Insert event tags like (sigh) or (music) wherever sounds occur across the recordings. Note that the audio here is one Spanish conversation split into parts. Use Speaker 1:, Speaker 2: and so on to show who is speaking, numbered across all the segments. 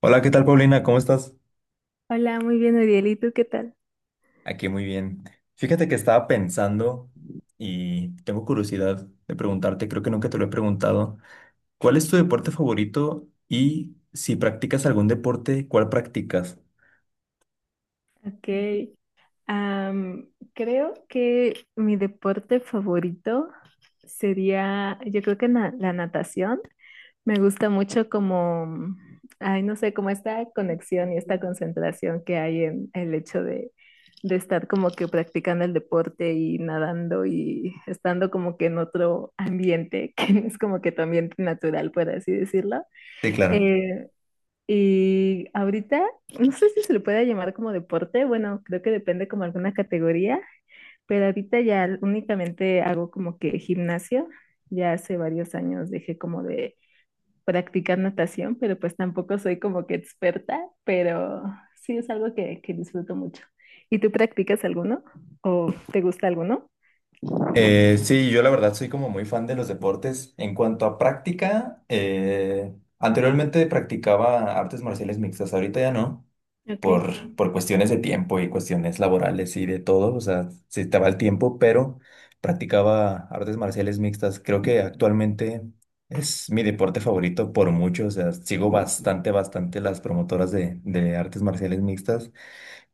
Speaker 1: Hola, ¿qué tal, Paulina? ¿Cómo estás?
Speaker 2: Hola, muy bien, Ariel. ¿Y tú qué tal?
Speaker 1: Aquí muy bien. Fíjate que estaba pensando y tengo curiosidad de preguntarte, creo que nunca te lo he preguntado, ¿cuál es tu deporte favorito y si practicas algún deporte, cuál practicas?
Speaker 2: Ok. am, Creo que mi deporte favorito sería, yo creo que la natación. Me gusta mucho como, ay, no sé, como esta conexión y esta concentración que hay en el hecho de estar como que practicando el deporte y nadando y estando como que en otro ambiente (laughs) que no es como que tu ambiente natural, por así decirlo.
Speaker 1: Sí, claro.
Speaker 2: Eh, Y ahorita, no sé si se le puede llamar como deporte, bueno, creo que depende como alguna categoría, pero ahorita ya únicamente hago como que gimnasio. Ya hace varios años dejé como de practicar natación, pero pues tampoco soy como que experta, pero sí es algo que disfruto mucho. ¿Y tú practicas alguno o te gusta alguno?
Speaker 1: Sí, yo la verdad soy como muy fan de los deportes. En cuanto a práctica, anteriormente practicaba artes marciales mixtas, ahorita ya no.
Speaker 2: Okay.
Speaker 1: Por cuestiones de tiempo y cuestiones laborales y de todo, o sea, se te va el tiempo, pero practicaba artes marciales mixtas. Creo que actualmente es mi deporte favorito por mucho, o sea, sigo bastante, bastante las promotoras de artes marciales mixtas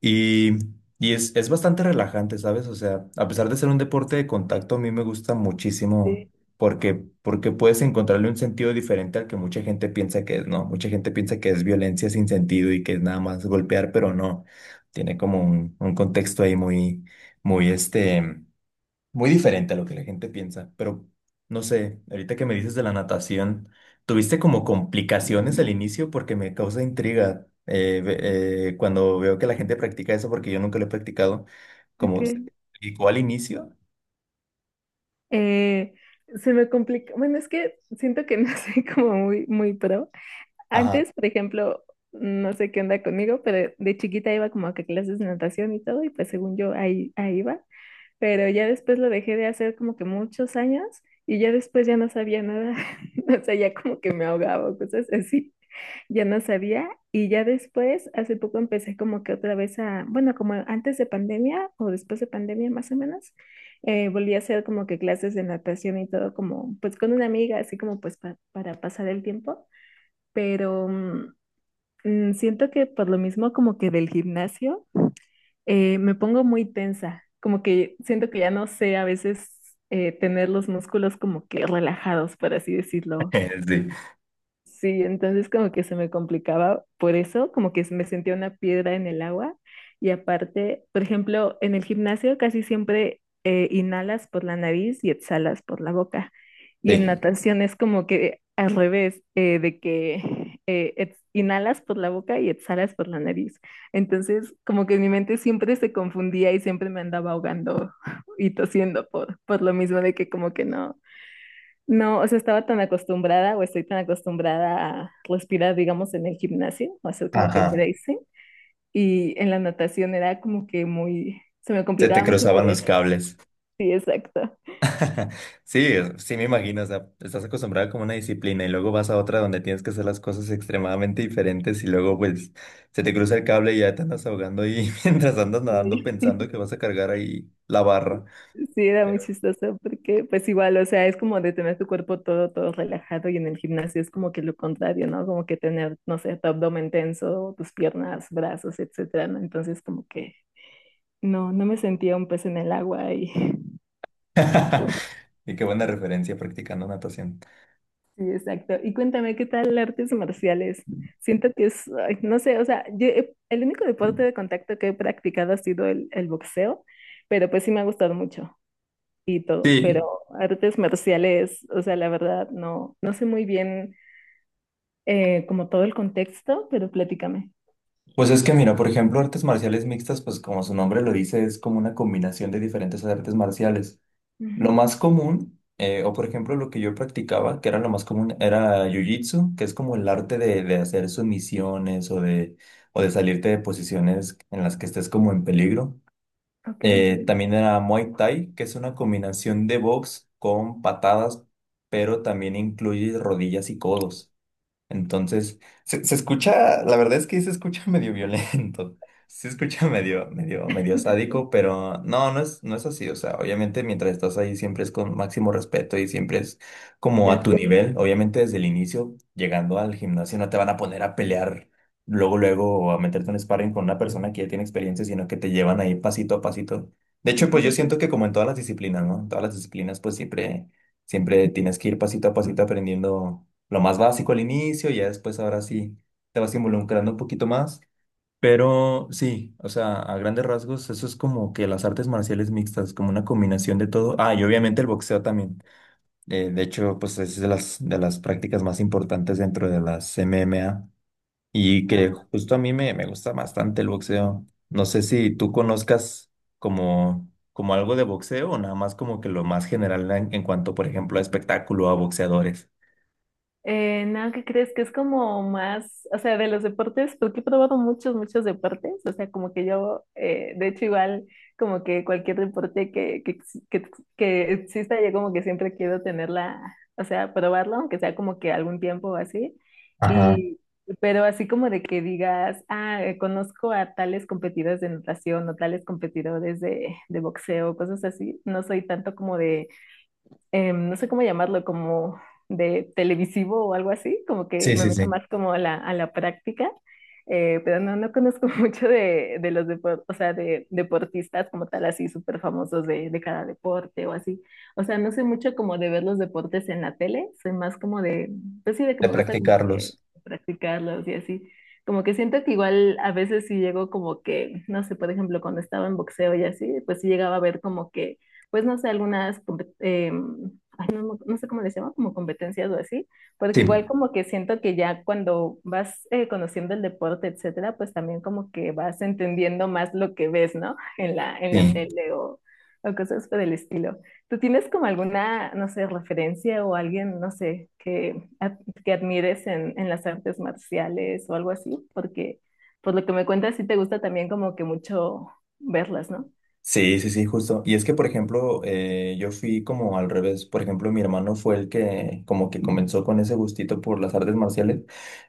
Speaker 1: y, y es bastante relajante, ¿sabes? O sea, a pesar de ser un deporte de contacto, a mí me gusta muchísimo
Speaker 2: Sí,
Speaker 1: porque puedes encontrarle un sentido diferente al que mucha gente piensa que es, ¿no? Mucha gente piensa que es violencia sin sentido y que es nada más golpear, pero no. Tiene como un contexto ahí muy, muy este. Muy diferente a lo que la gente piensa, pero no sé, ahorita que me dices de la natación, ¿tuviste como complicaciones al inicio? Porque me causa intriga cuando veo que la gente practica eso, porque yo nunca lo he practicado, como se
Speaker 2: ok.
Speaker 1: te complicó al inicio.
Speaker 2: Eh, Se me complica, bueno, es que siento que no (laughs) soy como muy, muy pro.
Speaker 1: Ajá.
Speaker 2: Antes, por ejemplo, no sé qué onda conmigo, pero de chiquita iba como que a clases de natación y todo, y pues según yo ahí, ahí iba, pero ya después lo dejé de hacer como que muchos años y ya después ya no sabía nada, (laughs) o sea, ya como que me ahogaba o cosas así, ya no sabía y ya después, hace poco empecé como que otra vez a, bueno, como antes de pandemia o después de pandemia más o menos, volví a hacer como que clases de natación y todo como pues con una amiga, así como pues para pasar el tiempo, pero siento que por lo mismo como que del gimnasio me pongo muy tensa, como que siento que ya no sé a veces tener los músculos como que relajados, por así decirlo.
Speaker 1: (laughs) Sí,
Speaker 2: Sí, entonces como que se me complicaba por eso, como que me sentía una piedra en el agua y aparte, por ejemplo, en el gimnasio casi siempre inhalas por la nariz y exhalas por la boca y en
Speaker 1: sí.
Speaker 2: natación es como que al revés, de que inhalas por la boca y exhalas por la nariz. Entonces como que mi mente siempre se confundía y siempre me andaba ahogando (laughs) y tosiendo por lo mismo de que como que no. No, o sea, estaba tan acostumbrada o estoy tan acostumbrada a respirar, digamos, en el gimnasio, o hacer como que
Speaker 1: Ajá.
Speaker 2: bracing, y en la natación era como que muy, se me
Speaker 1: Se te
Speaker 2: complicaba mucho por
Speaker 1: cruzaban los
Speaker 2: eso.
Speaker 1: cables.
Speaker 2: Sí, exacto.
Speaker 1: (laughs) Sí, sí me imagino, o sea, estás acostumbrado como a una disciplina y luego vas a otra donde tienes que hacer las cosas extremadamente diferentes y luego pues se te cruza el cable y ya te andas ahogando y (laughs) mientras andas nadando
Speaker 2: Sí,
Speaker 1: pensando que vas a cargar ahí la barra.
Speaker 2: sí, era muy
Speaker 1: Pero...
Speaker 2: chistoso porque pues igual, o sea, es como de tener tu cuerpo todo, todo relajado y en el gimnasio es como que lo contrario, ¿no? Como que tener, no sé, tu abdomen tenso, tus piernas, brazos, etcétera, ¿no? Entonces como que no, no me sentía un pez en el agua y
Speaker 1: (laughs) Y qué buena referencia practicando natación.
Speaker 2: sí, exacto. Y cuéntame, ¿qué tal artes marciales? Siento que es, ay, no sé, o sea, el único deporte de contacto que he practicado ha sido el boxeo, pero pues sí me ha gustado mucho y todo, pero
Speaker 1: Sí,
Speaker 2: artes marciales, o sea, la verdad, no, no sé muy bien como todo el contexto, pero platícame.
Speaker 1: pues es que mira, por ejemplo, artes marciales mixtas, pues como su nombre lo dice, es como una combinación de diferentes artes marciales. Lo
Speaker 2: Ujú,
Speaker 1: más común, o por ejemplo lo que yo practicaba, que era lo más común, era jiu-jitsu, que es como el arte de hacer sumisiones o de salirte de posiciones en las que estés como en peligro.
Speaker 2: ok,
Speaker 1: También era Muay Thai, que es una combinación de box con patadas, pero también incluye rodillas y codos. Entonces, se escucha, la verdad es que se escucha (laughs) medio violento, se escucha medio, medio, medio sádico, pero no, no es, no es así. O sea, obviamente mientras estás ahí siempre es con máximo respeto y siempre es como a
Speaker 2: claro.
Speaker 1: tu nivel. Obviamente desde el inicio, llegando al gimnasio, no te van a poner a pelear luego, luego o a meterte en sparring con una persona que ya tiene experiencia, sino que te llevan ahí pasito a pasito. De hecho, pues yo siento que como en todas las disciplinas, ¿no? En todas las disciplinas, pues siempre, siempre tienes que ir pasito a pasito aprendiendo lo más básico al inicio, ya después ahora sí te vas involucrando un poquito más. Pero sí, o sea, a grandes rasgos, eso es como que las artes marciales mixtas, como una combinación de todo. Ah, y obviamente el boxeo también. De hecho, pues es de las prácticas más importantes dentro de las MMA y que justo a mí me gusta bastante el boxeo. No sé si tú conozcas como algo de boxeo o nada más como que lo más general en cuanto, por ejemplo, a espectáculo, a boxeadores.
Speaker 2: No, ¿qué crees? Que es como más, o sea, de los deportes, porque he probado muchos, muchos deportes, o sea, como que yo, de hecho, igual, como que cualquier deporte que, que exista, yo como que siempre quiero tenerla, o sea, probarlo, aunque sea como que algún tiempo o así,
Speaker 1: Ajá.
Speaker 2: y, pero así como de que digas, ah, conozco a tales competidores de natación o tales competidores de boxeo, cosas así, no soy tanto como de no sé cómo llamarlo, como de televisivo o algo así, como que
Speaker 1: Sí,
Speaker 2: me
Speaker 1: sí,
Speaker 2: meto
Speaker 1: sí.
Speaker 2: más como a la práctica, pero no, no conozco (laughs) mucho de, o sea, de deportistas como tal, así súper famosos de cada deporte o así. O sea, no sé mucho como de ver los deportes en la tele, soy más como de, pues sí, de que
Speaker 1: De
Speaker 2: me gusta como que
Speaker 1: practicarlos.
Speaker 2: practicarlos y así. Como que siento que igual a veces sí llego como que, no sé, por ejemplo, cuando estaba en boxeo y así, pues sí llegaba a ver como que pues no sé, ay, no sé cómo les llama, como competencias o así, porque
Speaker 1: Sí,
Speaker 2: igual como que siento que ya cuando vas conociendo el deporte, etcétera, pues también como que vas entendiendo más lo que ves, ¿no? En la
Speaker 1: sí.
Speaker 2: tele o cosas por el estilo. ¿Tú tienes como alguna, no sé, referencia o alguien, no sé, que admires en las artes marciales o algo así? Porque por lo que me cuentas, sí te gusta también como que mucho verlas, ¿no?
Speaker 1: Sí, sí, sí, justo. Y es que, por ejemplo, yo fui como al revés. Por ejemplo, mi hermano fue el que como que comenzó con ese gustito por las artes marciales.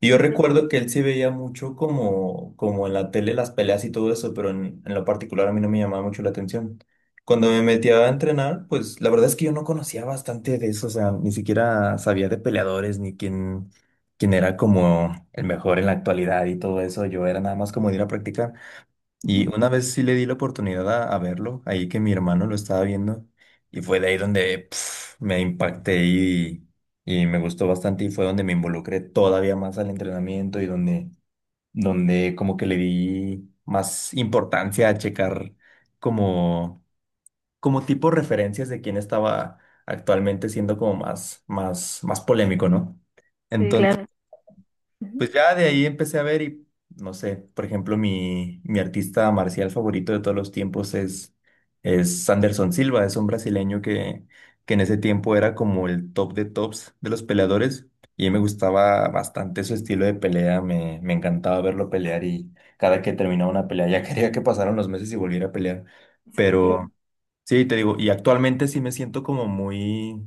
Speaker 1: Y yo
Speaker 2: Ok.
Speaker 1: recuerdo que él sí veía mucho como, como en la tele las peleas y todo eso, pero en lo particular a mí no me llamaba mucho la atención. Cuando me metía a entrenar, pues la verdad es que yo no conocía bastante de eso. O sea, ni siquiera sabía de peleadores ni quién, quién era como el mejor en la actualidad y todo eso. Yo era nada más como de ir a practicar. Y
Speaker 2: Ujú.
Speaker 1: una vez sí le di la oportunidad a verlo, ahí que mi hermano lo estaba viendo, y fue de ahí donde pf, me impacté y me gustó bastante y fue donde me involucré todavía más al entrenamiento y donde, donde como que le di más importancia a checar como, como tipo referencias de quién estaba actualmente siendo como más, más, más polémico, ¿no?
Speaker 2: Sí, claro. Ujú.
Speaker 1: Pues ya de ahí empecé a ver y, no sé, por ejemplo, mi artista marcial favorito de todos los tiempos es Anderson Silva, es un brasileño que en ese tiempo era como el top de tops de los peleadores y me gustaba bastante su estilo de pelea, me encantaba verlo pelear y cada que terminaba una pelea (laughs) ya quería que pasaran los meses y volviera a pelear,
Speaker 2: Sí, claro.
Speaker 1: pero sí, te digo, y actualmente sí me siento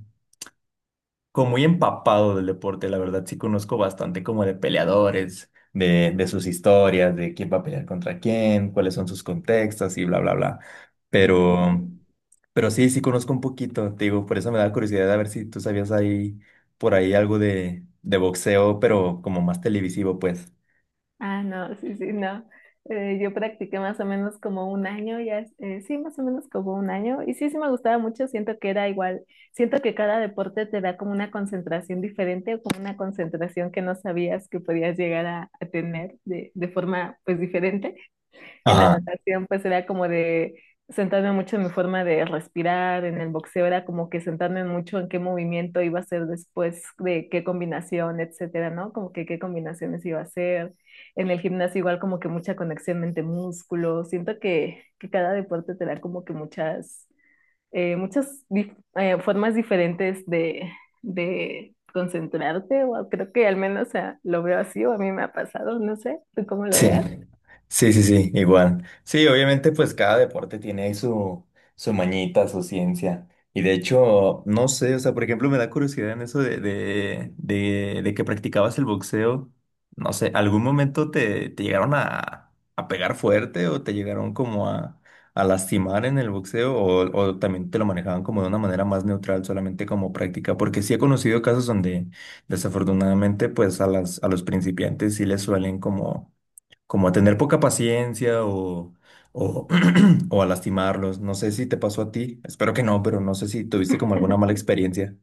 Speaker 1: como muy empapado del deporte, la verdad, sí conozco bastante como de peleadores, de sus historias, de quién va a pelear contra quién, cuáles son sus contextos y bla, bla, bla.
Speaker 2: Okay.
Speaker 1: Pero, pero sí, sí conozco un poquito, te digo, por eso me da curiosidad a ver si tú sabías ahí, por ahí algo de boxeo, pero como más televisivo, pues.
Speaker 2: Ah, no, sí, sí, no. Yo practiqué más o menos como 1 año, sí, más o menos como 1 año. Y sí, sí me gustaba mucho, siento que era igual, siento que cada deporte te da como una concentración diferente o como una concentración que no sabías que podías llegar a tener de forma pues diferente. En la natación, pues era como de sentarme mucho en mi forma de respirar, en el boxeo era como que sentarme mucho en qué movimiento iba a hacer después, de qué combinación, etcétera, ¿no? Como que qué combinaciones iba a hacer. En el gimnasio igual como que mucha conexión mente-músculo. Siento que cada deporte te da como que muchas, eh, formas diferentes de concentrarte, o creo que al menos o sea, lo veo así, o a mí me ha pasado, no sé, ¿tú cómo lo
Speaker 1: Sí,
Speaker 2: veas?
Speaker 1: sí, sí, sí, igual. Sí, obviamente pues cada deporte tiene ahí su, su mañita, su ciencia. Y de hecho, no sé, o sea, por ejemplo, me da curiosidad en eso de, de que practicabas el boxeo. No sé, ¿algún momento te, te llegaron a pegar fuerte o te llegaron como a lastimar en el boxeo o también te lo manejaban como de una manera más neutral, solamente como práctica? Porque sí he conocido casos donde desafortunadamente pues a las, a los principiantes sí les suelen como como a tener poca paciencia o, (clears throat) o a lastimarlos. No sé si te pasó a ti, espero que no, pero no sé si tuviste como alguna mala experiencia.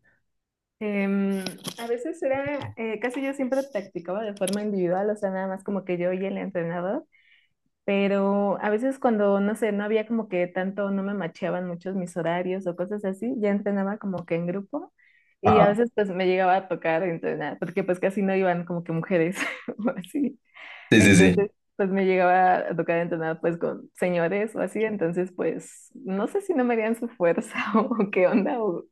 Speaker 2: Em, a veces era, casi yo siempre practicaba de forma individual, o sea, nada más como que yo y el entrenador, pero a veces cuando, no sé, no había como que tanto, no me macheaban muchos mis horarios o cosas así, ya entrenaba como que en grupo y a
Speaker 1: Ajá.
Speaker 2: veces pues me llegaba a tocar entrenar, porque pues casi no iban como que mujeres (laughs) o así.
Speaker 1: Sí, sí, sí.
Speaker 2: Entonces, pues me llegaba a tocar entonar pues con señores o así, entonces pues no sé si no me harían su fuerza (laughs) o qué onda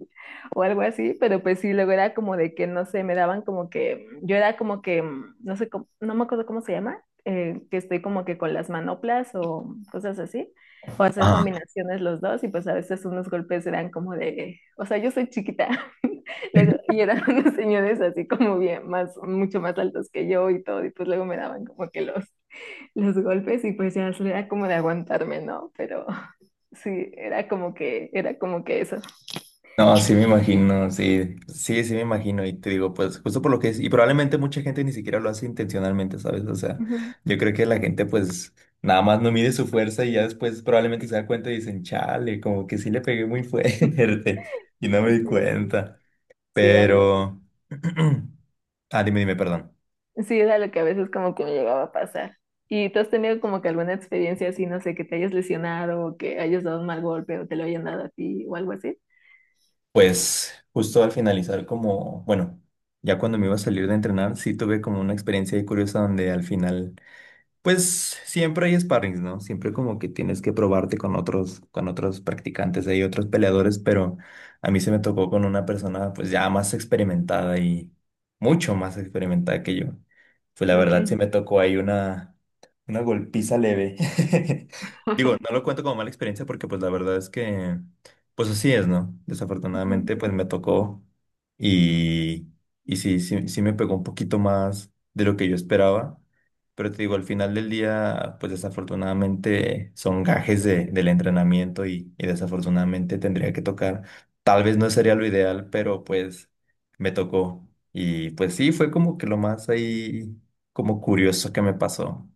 Speaker 2: o algo así, pero pues sí, luego era como de que no sé, me daban como que, yo era como que, no sé, no me acuerdo cómo se llama, que estoy como que con las manoplas o cosas así, o hacer
Speaker 1: Ajá.
Speaker 2: combinaciones los dos y pues a veces unos golpes eran como de, o sea, yo soy chiquita. (laughs) Luego, y eran (laughs) unos señores así como bien, más, mucho más altos que yo y todo, y pues luego me daban como que los golpes y pues ya era como de aguantarme, ¿no? Pero (laughs) sí, era como que eso.
Speaker 1: No, sí me imagino, sí, sí, sí me imagino y te digo, pues justo por lo que es, y probablemente mucha gente ni siquiera lo hace intencionalmente, ¿sabes? O sea,
Speaker 2: Ujú.
Speaker 1: yo creo que la gente pues nada más no mide su fuerza y ya después probablemente se da cuenta y dicen, chale, como que sí le pegué muy fuerte (laughs) y no me di
Speaker 2: Sí,
Speaker 1: cuenta,
Speaker 2: sí, era, lo-
Speaker 1: pero... (clears throat) Ah, dime, dime, perdón.
Speaker 2: sí, era lo que a veces como que me llegaba a pasar. ¿Y tú has tenido como que alguna experiencia así, no sé, que te hayas lesionado o que hayas dado un mal golpe o te lo hayan dado a ti o algo así?
Speaker 1: Pues justo al finalizar como, bueno, ya cuando me iba a salir de entrenar, sí tuve como una experiencia ahí curiosa donde al final... Pues siempre hay sparrings, ¿no? Siempre como que tienes que probarte con otros practicantes, hay otros peleadores, pero a mí se me tocó con una persona pues ya más experimentada y mucho más experimentada que yo. Pues la
Speaker 2: Ok.
Speaker 1: verdad sí me tocó ahí una golpiza leve. (laughs) Digo, no lo cuento como mala experiencia porque pues la verdad es que pues así es, ¿no?
Speaker 2: Ujú.
Speaker 1: Desafortunadamente pues me tocó y, y sí, sí, sí me pegó un poquito más de lo que yo esperaba. Pero te digo, al final del día, pues desafortunadamente son gajes de, del entrenamiento y desafortunadamente tendría que tocar. Tal vez no sería lo ideal, pero pues me tocó. Y pues sí, fue como que lo más ahí, como curioso que me pasó.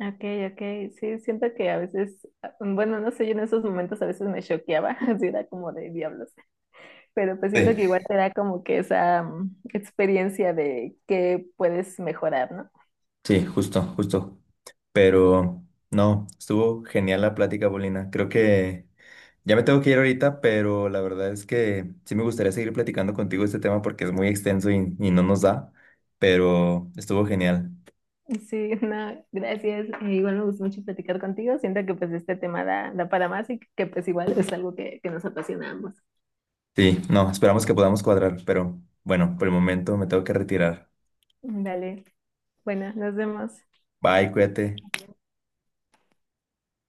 Speaker 2: Okay, okay, sí, siento que a veces, ah, bueno, no sé, yo en esos momentos a veces me choqueaba, (laughs) así era como de diablos, pero pues
Speaker 1: Sí.
Speaker 2: siento que igual te da como que esa experiencia de que puedes mejorar, ¿no?
Speaker 1: Sí, justo, justo. Pero no, estuvo genial la plática, Bolina. Creo que ya me tengo que ir ahorita, pero la verdad es que sí me gustaría seguir platicando contigo este tema porque es muy extenso y no nos da, pero estuvo genial.
Speaker 2: Sí, no, gracias, igual me gustó mucho platicar contigo, siento que pues este tema da, da para más y que pues igual es algo que nos apasiona a ambos.
Speaker 1: Sí, no, esperamos que podamos cuadrar, pero bueno, por el momento me tengo que retirar.
Speaker 2: Dale, bueno, nos vemos.
Speaker 1: Bye, cuídate.